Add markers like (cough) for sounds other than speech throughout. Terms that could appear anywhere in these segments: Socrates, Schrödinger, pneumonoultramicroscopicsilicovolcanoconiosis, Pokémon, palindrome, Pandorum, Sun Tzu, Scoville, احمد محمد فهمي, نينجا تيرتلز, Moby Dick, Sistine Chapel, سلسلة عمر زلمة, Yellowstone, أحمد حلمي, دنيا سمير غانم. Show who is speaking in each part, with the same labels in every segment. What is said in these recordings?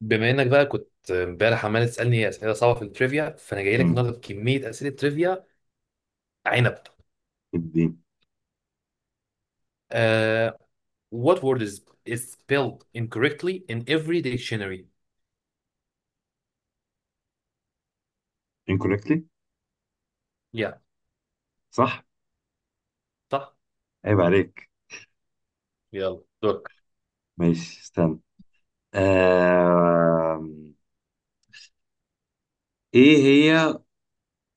Speaker 1: بما انك بقى كنت امبارح عمال تسالني اسئله صعبه في التريفيا، فانا جاي لك
Speaker 2: امم
Speaker 1: النهارده بكميه اسئله تريفيا. عنب.
Speaker 2: الدين.
Speaker 1: آه. What word is spelled incorrectly in every dictionary?
Speaker 2: Incorrectly.
Speaker 1: Yeah.
Speaker 2: صح.
Speaker 1: صح.
Speaker 2: عيب عليك.
Speaker 1: يلا، دورك.
Speaker 2: ماشي، استنى. آه... ايه هي.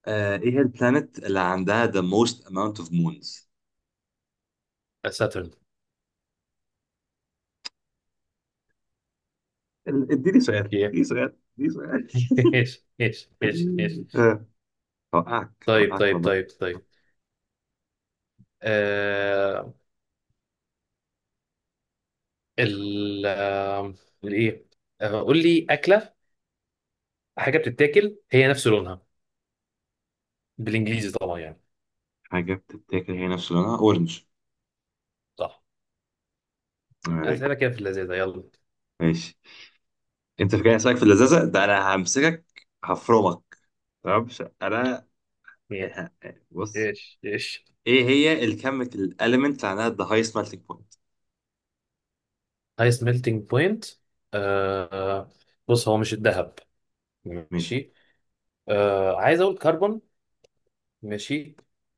Speaker 2: ايه هي البلانت اللي عندها the most amount of moons؟
Speaker 1: ساترن. ايه.
Speaker 2: اديني سؤال اديني سؤال.
Speaker 1: (laughs) ايش ايش ايش ايش
Speaker 2: (laughs)
Speaker 1: (laughs)
Speaker 2: آه، هوقعك،
Speaker 1: طيب طيب
Speaker 2: والله.
Speaker 1: طيب طيب. آه. ال آه، الايه؟ قول لي اكله. حاجه بتتاكل هي نفس لونها، بالانجليزي طبعا يعني.
Speaker 2: حاجة بتتاكل هي نفس لونها اورنج.
Speaker 1: صح.
Speaker 2: عيب
Speaker 1: اسئله
Speaker 2: عليك.
Speaker 1: كده في اللذيذه، يلا.
Speaker 2: ماشي. انت فاكر هسألك في اللذاذة ده؟ انا همسكك هفرمك. تمام. انا
Speaker 1: ايه.
Speaker 2: بص،
Speaker 1: ايش ايش.
Speaker 2: ايه هي الكيميكال element اللي عندها the high melting point؟
Speaker 1: ايس ميلتنج بوينت. آه آه، بص، هو مش الذهب.
Speaker 2: ماشي.
Speaker 1: ماشي. عايز اقول كربون. ماشي.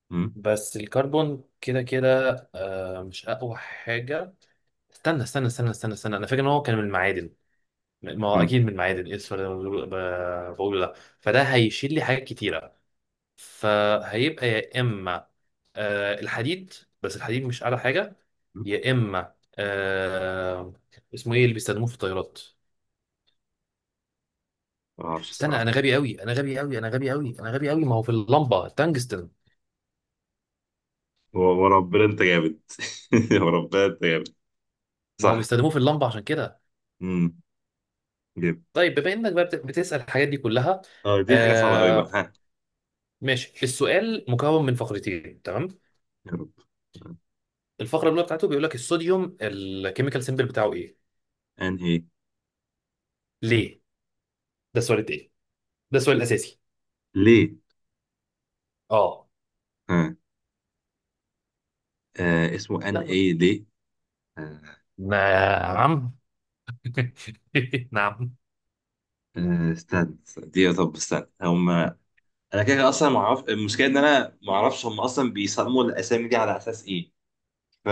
Speaker 2: مم.
Speaker 1: بس الكربون كده كده مش اقوى حاجه. استنى استنى استنى استنى استنى، انا فاكر ان هو كان من المعادن. ما هو
Speaker 2: مم.
Speaker 1: اكيد من المعادن. ايه السؤال اللي أنا بقوله؟ بقوله ده، فده هيشيل لي حاجات كتيره. فهيبقى يا اما الحديد، بس الحديد مش اعلى حاجه.
Speaker 2: مم.
Speaker 1: يا اما اسمه ايه اللي بيستخدموه في الطيارات؟
Speaker 2: ما اعرفش
Speaker 1: استنى،
Speaker 2: الصراحه.
Speaker 1: انا غبي قوي انا غبي قوي انا غبي قوي انا غبي قوي. ما هو في اللمبه التنجستن.
Speaker 2: وربنا انت جامد. (laughs) وربنا انت جامد.
Speaker 1: ما هو
Speaker 2: صح.
Speaker 1: بيستخدموه في اللمبه عشان كده.
Speaker 2: مم. جامد.
Speaker 1: طيب، بما انك بقى بتسال الحاجات دي كلها.
Speaker 2: اه، دي حاجه صعبه قوي بقى،
Speaker 1: آه.
Speaker 2: ها.
Speaker 1: ماشي، السؤال مكون من فقرتين، تمام؟
Speaker 2: يا رب. آه،
Speaker 1: الفقره الاولى بتاعته بيقول لك الصوديوم الكيميكال سيمبل بتاعه ايه.
Speaker 2: ان ايه
Speaker 1: ليه؟ ده السؤال التاني. ده السؤال الاساسي.
Speaker 2: ليه؟
Speaker 1: اه.
Speaker 2: ها. آه، اسمه ان
Speaker 1: يلا.
Speaker 2: ايه ليه. آه.
Speaker 1: نعم. (laughs) نعم.
Speaker 2: استنى دي طب استنى انا كده كده اصلا ما اعرف. المشكله ان انا ما اعرفش هم اصلا بيسموا الاسامي دي على اساس ايه. ف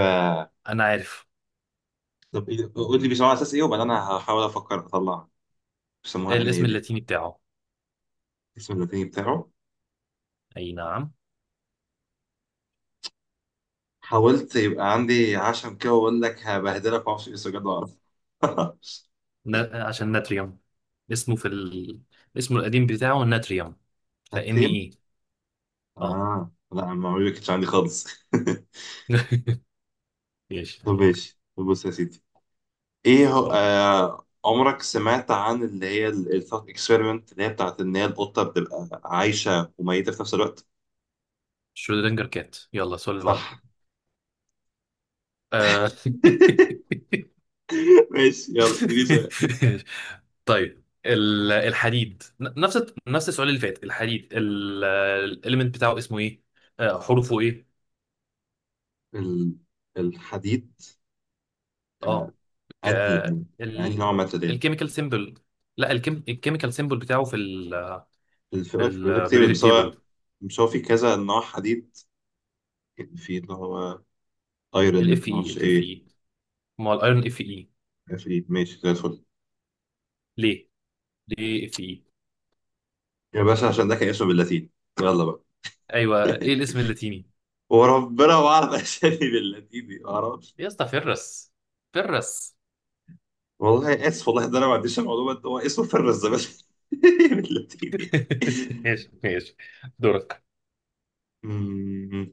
Speaker 1: انا عارف.
Speaker 2: طب قول لي بيسموها على اساس ايه، وبعدين انا هحاول افكر اطلعها. بيسموها ان ايه
Speaker 1: الاسم
Speaker 2: ليه؟
Speaker 1: اللاتيني بتاعه.
Speaker 2: الاسم اللاتيني بتاعه.
Speaker 1: اي نعم.
Speaker 2: حاولت يبقى عندي عشم كده واقول لك هبهدلك، معرفش ايه، بس بجد بعرف. (laughs)
Speaker 1: عشان ناتريوم. اسمه في ال... اسمه القديم بتاعه ناتريوم. فإن
Speaker 2: هتريم؟
Speaker 1: إيه. اه.
Speaker 2: اه لا، المعلومة ما كانتش عندي خالص. (laughs)
Speaker 1: (laughs) ماشي،
Speaker 2: طب
Speaker 1: دورك.
Speaker 2: ماشي، طب بص يا سيدي. ايه هو،
Speaker 1: طيب.
Speaker 2: آه، عمرك سمعت عن اللي هي الثوت اكسبيرمنت اللي هي بتاعت ان هي القطة بتبقى عايشة وميتة في نفس الوقت؟
Speaker 1: شرودنجر كات. يلا السؤال اللي بعده.
Speaker 2: صح.
Speaker 1: آه. (laughs)
Speaker 2: (laughs) ماشي، يلا اديني سؤال.
Speaker 1: طيب، الحديد، نفس نفس السؤال اللي فات. الحديد الاليمنت بتاعه اسمه ايه؟ حروفه ايه؟
Speaker 2: ال- الحديد. آه.
Speaker 1: اه. ك
Speaker 2: انهي، انهي نوع
Speaker 1: ال
Speaker 2: من التدين؟
Speaker 1: الكيميكال سيمبل. لا، الكيميكال سيمبل بتاعه
Speaker 2: الفي
Speaker 1: في
Speaker 2: اي في بيقول لك تيبل،
Speaker 1: البريودك
Speaker 2: بس هو
Speaker 1: تيبل.
Speaker 2: مش هو في كذا نوع حديد، في اللي هو ايرن
Speaker 1: الاف اي
Speaker 2: معرفش
Speaker 1: الاف
Speaker 2: ايه.
Speaker 1: اي. ما هو الايرون اف اي.
Speaker 2: افريد، ماشي زي الفل.
Speaker 1: ليه؟ ليه اف اي؟
Speaker 2: يا باشا عشان ده كان اسمه باللاتيني، يلا بقى.
Speaker 1: ايوه، ايه
Speaker 2: (laughs)
Speaker 1: الاسم اللاتيني؟
Speaker 2: وربنا ما اعرف اسامي باللاتيني، ما اعرفش.
Speaker 1: يا اسطى، فيرس. فيرس.
Speaker 2: والله اسف، والله ده انا ما عنديش المعلومه، ده هو اسمه فرز بس (laughs) باللاتيني.
Speaker 1: (laughs) ماشي ماشي. دورك.
Speaker 2: أمم،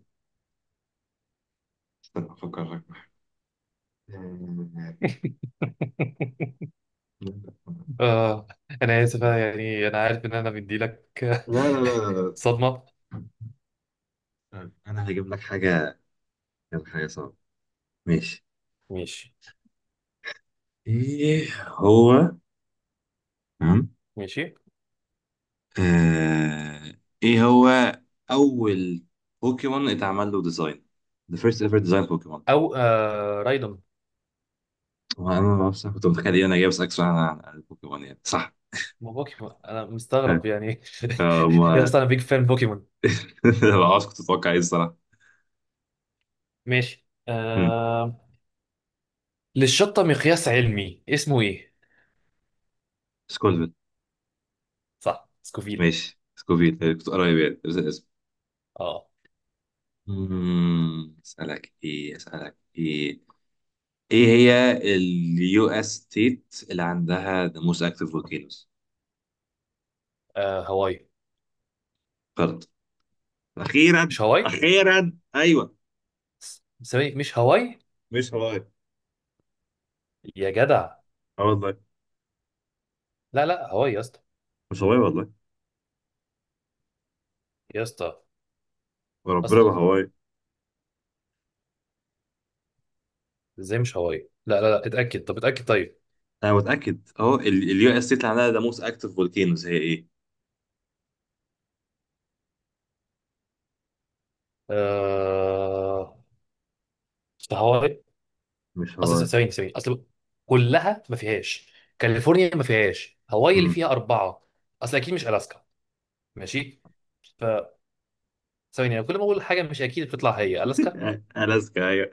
Speaker 2: استنى افكر لك. لا
Speaker 1: (laughs) اه. انا اسف، أنا يعني انا عارف ان انا بدي لك
Speaker 2: لا لا
Speaker 1: (laughs)
Speaker 2: لا
Speaker 1: صدمه.
Speaker 2: طيب، انا هجيب لك حاجه، هجيب لك حاجه صعبه. ماشي.
Speaker 1: ماشي
Speaker 2: ايه هو. تمام.
Speaker 1: ماشي.
Speaker 2: آه، ايه هو اول بوكيمون اتعمل له ديزاين؟ The first ever design بوكيمون.
Speaker 1: او رايدون.
Speaker 2: وانا ما بعرفش، أنا كنت متخيل إيه، انا جاي بسالك سؤال عن البوكيمون يعني، صح؟
Speaker 1: ما بوكيمون، انا مستغرب يعني. (laughs) يا
Speaker 2: ما
Speaker 1: اسطى، انا بيج فان بوكيمون.
Speaker 2: (laughs) ما بعرفش كنت اتوقع ايه الصراحه.
Speaker 1: ماشي.
Speaker 2: مم،
Speaker 1: للشطه مقياس علمي اسمه ايه؟
Speaker 2: سكولفيل.
Speaker 1: صح، سكوفيل.
Speaker 2: ماشي، سكوفيل. كنت قريب يعني بس الاسم.
Speaker 1: اه.
Speaker 2: اسالك ايه؟ ايه هي اليو اس ستيت اللي عندها the most active volcanoes؟
Speaker 1: هواي.
Speaker 2: فرد، اخيرا.
Speaker 1: مش هواي.
Speaker 2: اخيرا، ايوه.
Speaker 1: ثواني، مش هواي؟
Speaker 2: مش هواي.
Speaker 1: يا جدع.
Speaker 2: اه والله.
Speaker 1: لا لا، هواي يا اسطى.
Speaker 2: مش هواي والله.
Speaker 1: يا اسطى،
Speaker 2: وربنا ما
Speaker 1: اصلا
Speaker 2: هواي.
Speaker 1: ازاي مش هواي؟ لا لا لا، اتاكد، طب اتاكد طيب.
Speaker 2: انا متاكد اهو، اليو اس تي عندها ذا موست اكتف فولكينوز هي ايه؟
Speaker 1: آه... مش هواي.
Speaker 2: مش
Speaker 1: اصل
Speaker 2: هواي.
Speaker 1: ثواني ثواني. اصل كلها ما فيهاش. كاليفورنيا ما فيهاش، هواي اللي
Speaker 2: امم
Speaker 1: فيها اربعه. اصل اكيد مش الاسكا. ماشي. ف ثواني، أنا كل ما اقول حاجه مش اكيد بتطلع هي الاسكا.
Speaker 2: (laughs) الاسكا، ايوه.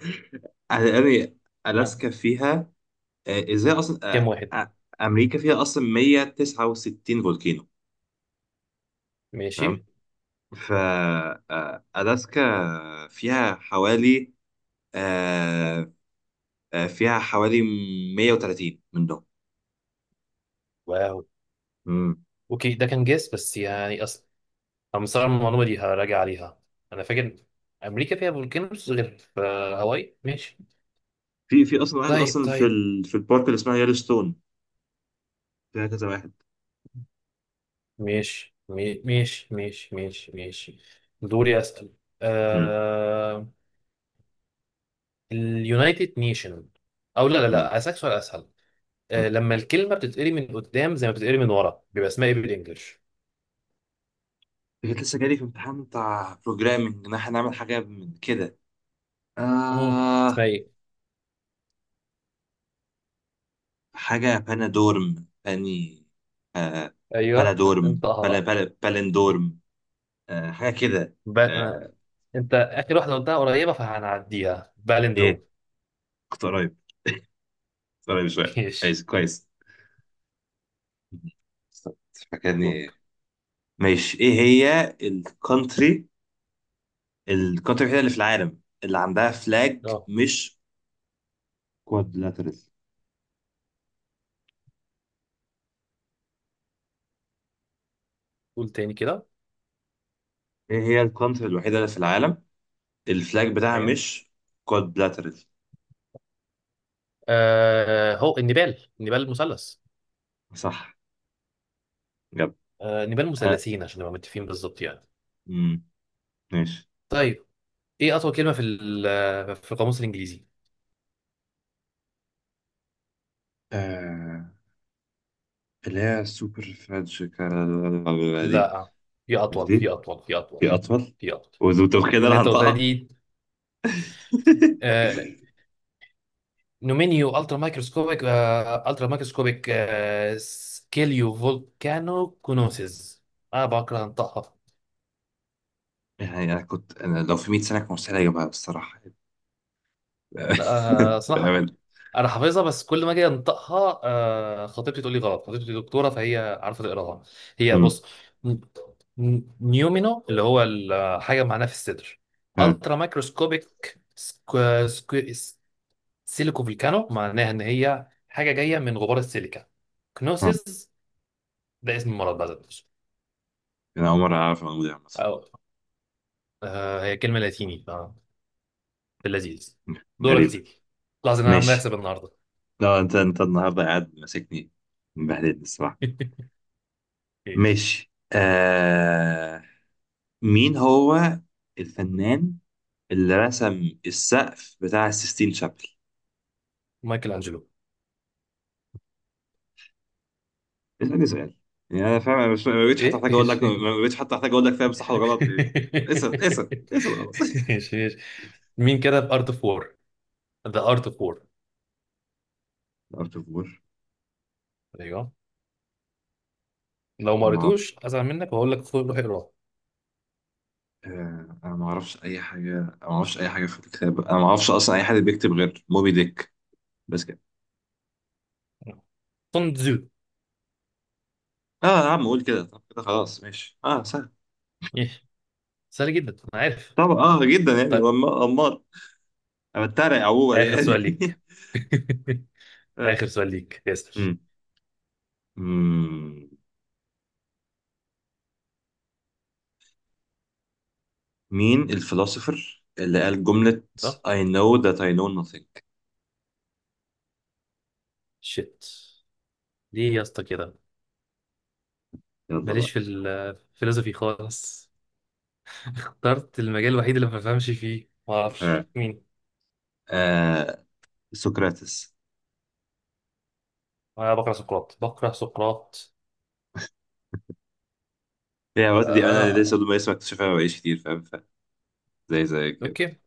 Speaker 2: يعني
Speaker 1: آه.
Speaker 2: الاسكا فيها، ازاي اصلا.
Speaker 1: كام
Speaker 2: آه،
Speaker 1: واحد؟
Speaker 2: آه، امريكا فيها اصلا 169 فولكينو،
Speaker 1: ماشي.
Speaker 2: تمام. ف الاسكا فيها حوالي، آه، فيها حوالي 130 من دول.
Speaker 1: واو.
Speaker 2: امم
Speaker 1: اوكي، ده كان جيس بس يعني. اصل انا مستغرب من المعلومه دي، هراجع عليها. انا فاكر امريكا فيها فولكانوز غير في هاواي. ماشي.
Speaker 2: في في اصلا واحد
Speaker 1: طيب
Speaker 2: اصلا في
Speaker 1: طيب.
Speaker 2: ال... في البارك اللي اسمها يellowstone فيها كذا واحد
Speaker 1: ماشي، ماشي ماشي ماشي ماشي. دوري، اسال. آه... اليونايتد نيشن. او لا لا
Speaker 2: امم
Speaker 1: لا، اسالك سؤال اسهل. لما الكلمه بتتقري من قدام زي ما بتتقري من ورا بيبقى اسمها ايه بالانجلش؟
Speaker 2: كنت لسه جالي في امتحان بتاع بروجرامنج ان احنا نعمل حاجه من كده.
Speaker 1: مم. اسمها
Speaker 2: آه
Speaker 1: ايه؟
Speaker 2: حاجه بانادورم باني، آه
Speaker 1: ايوه،
Speaker 2: بلادورم،
Speaker 1: انطقها
Speaker 2: بلا
Speaker 1: بقى.
Speaker 2: بلا بالندورم. حاجه كده.
Speaker 1: ب... آه،
Speaker 2: آه.
Speaker 1: انت اخر واحده قلتها قريبه، فهنعديها. بالندروم.
Speaker 2: ايه، كنت قريب كنت قريب شويه.
Speaker 1: (laughs) ماشي،
Speaker 2: كويس، كويس،
Speaker 1: دورك.
Speaker 2: فاكرني. ماشي، ايه هي الكونتري، الوحيده اللي في العالم اللي عندها فلاج مش كوادلاترال؟
Speaker 1: قول تاني كده.
Speaker 2: ايه هي الكونتري الوحيده اللي في العالم الفلاج بتاعها
Speaker 1: ايوه.
Speaker 2: مش كوادلاترال؟
Speaker 1: هو النبال، النبال المثلث.
Speaker 2: صح، جاب.
Speaker 1: نبال
Speaker 2: آه.
Speaker 1: مثلثين، عشان نبقى متفقين بالظبط يعني.
Speaker 2: مم. ماشي.
Speaker 1: طيب. ايه اطول كلمه في القاموس الانجليزي؟
Speaker 2: آه، اللي هي سوبر دي.
Speaker 1: لا، في
Speaker 2: مش
Speaker 1: اطول، في
Speaker 2: دي،
Speaker 1: اطول، في اطول.
Speaker 2: في أطول.
Speaker 1: في اطول.
Speaker 2: وذو كده
Speaker 1: اللي
Speaker 2: أنا
Speaker 1: انت قلتها
Speaker 2: هنطقها.
Speaker 1: دي.
Speaker 2: (laughs)
Speaker 1: آه. نومينيو الترا مايكروسكوبيك الترا مايكروسكوبيك سكيليو فولكانو كونوسيس. انا بكره انطقها.
Speaker 2: يعني أنا كنت، أنا لو في 100 سنة كان مستحيل أجيبها بصراحة.
Speaker 1: لا،
Speaker 2: (laughs)
Speaker 1: صراحة
Speaker 2: بأمانة.
Speaker 1: أنا حافظها، بس كل ما أجي أنطقها خطيبتي تقول لي غلط. خطيبتي دكتورة فهي عارفة تقراها. هي
Speaker 2: مم.
Speaker 1: بص. ن- نيومينو، اللي هو الحاجة معناها في الصدر.
Speaker 2: ها.
Speaker 1: ألترا مايكروسكوبيك سكو. سكو. سيليكو فولكانو، معناها إن هي حاجة جاية من غبار السيليكا.
Speaker 2: ها.
Speaker 1: كنوسيس. ده اسم المرض بقى ده.
Speaker 2: أنا أول مرة أعرف الموضوع ده مثلا.
Speaker 1: أو، هي كلمة لاتيني. في اللذيذ. دورك
Speaker 2: غريب.
Speaker 1: تيجي. لحظة، إن أنا عمال
Speaker 2: ماشي،
Speaker 1: أكسب النهاردة.
Speaker 2: لا أنت، النهاردة قاعد ماسكني، مبهدلني الصراحة.
Speaker 1: (laughs) ماشي.
Speaker 2: ماشي آه. مين هو الفنان اللي رسم السقف بتاع السيستين شابل؟
Speaker 1: مايكل أنجلو.
Speaker 2: اسأل يعني انا فاهم، انا مش ما بقتش حتى
Speaker 1: ايه،
Speaker 2: احتاج اقول لك،
Speaker 1: ماشي. (laughs)
Speaker 2: ما بقتش حتى احتاج اقول لك فاهم صح ولا غلط، ايه. اسأل، خلاص. (laughs)
Speaker 1: ماشي ماشي. مين كتب ارت اوف وور؟ ذا ارت اوف وور.
Speaker 2: ارت اوف وور.
Speaker 1: ايوه. لو ما
Speaker 2: انا ما اعرف.
Speaker 1: قريتوش ازعل منك، وهقول لك خد روح اقراه.
Speaker 2: انا ما اعرفش اي حاجه، أنا ما اعرفش اي حاجه في الكتاب، انا ما اعرفش اصلا اي حد بيكتب غير موبي ديك، بس كده.
Speaker 1: سون تزو.
Speaker 2: اه يا عم، قول كده. طب كده خلاص ماشي، اه سهل.
Speaker 1: إيه. سهل جدا، انا عارف.
Speaker 2: طبعا اه، جدا يعني،
Speaker 1: طيب،
Speaker 2: امال. انا بتريق عموما
Speaker 1: اخر سؤال
Speaker 2: يعني.
Speaker 1: ليك. (laughs)
Speaker 2: (laughs) آه.
Speaker 1: اخر سؤال ليك ياسر
Speaker 2: مم. مم. مين الفلسفر اللي قال جملة
Speaker 1: طب.
Speaker 2: I know that I know nothing؟
Speaker 1: شيت. ليه يا اسطى كده؟
Speaker 2: يلا
Speaker 1: ماليش
Speaker 2: بقى.
Speaker 1: في الفلسفي خالص. اخترت المجال الوحيد اللي ما بفهمش فيه. ما
Speaker 2: ها.
Speaker 1: اعرفش مين.
Speaker 2: آه، سقراطس.
Speaker 1: انا بقرا سقراط بقرا سقراط.
Speaker 2: هي الوقت دي انا لسه
Speaker 1: آه.
Speaker 2: لما اسمع اكتشفها ما بقاليش كتير فاهم، زي كده.
Speaker 1: اوكي.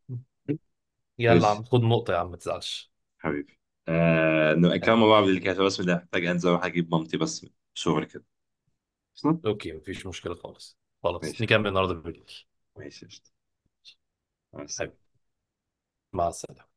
Speaker 1: يلا يا
Speaker 2: ماشي
Speaker 1: عم خد نقطة، يا عم ما تزعلش.
Speaker 2: حبيبي. آه، نبقى كمان مع
Speaker 1: حبيبي.
Speaker 2: بعض اللي كده، بس ده محتاج انزل اروح اجيب مامتي بس من الشغل كده اصلا.
Speaker 1: اوكي، مفيش مشكلة خالص. خلاص
Speaker 2: ماشي يا حبيبي.
Speaker 1: نكمل النهاردة بالليل.
Speaker 2: ماشي قشطة. مع
Speaker 1: حبيبي،
Speaker 2: السلامة.
Speaker 1: مع السلامة.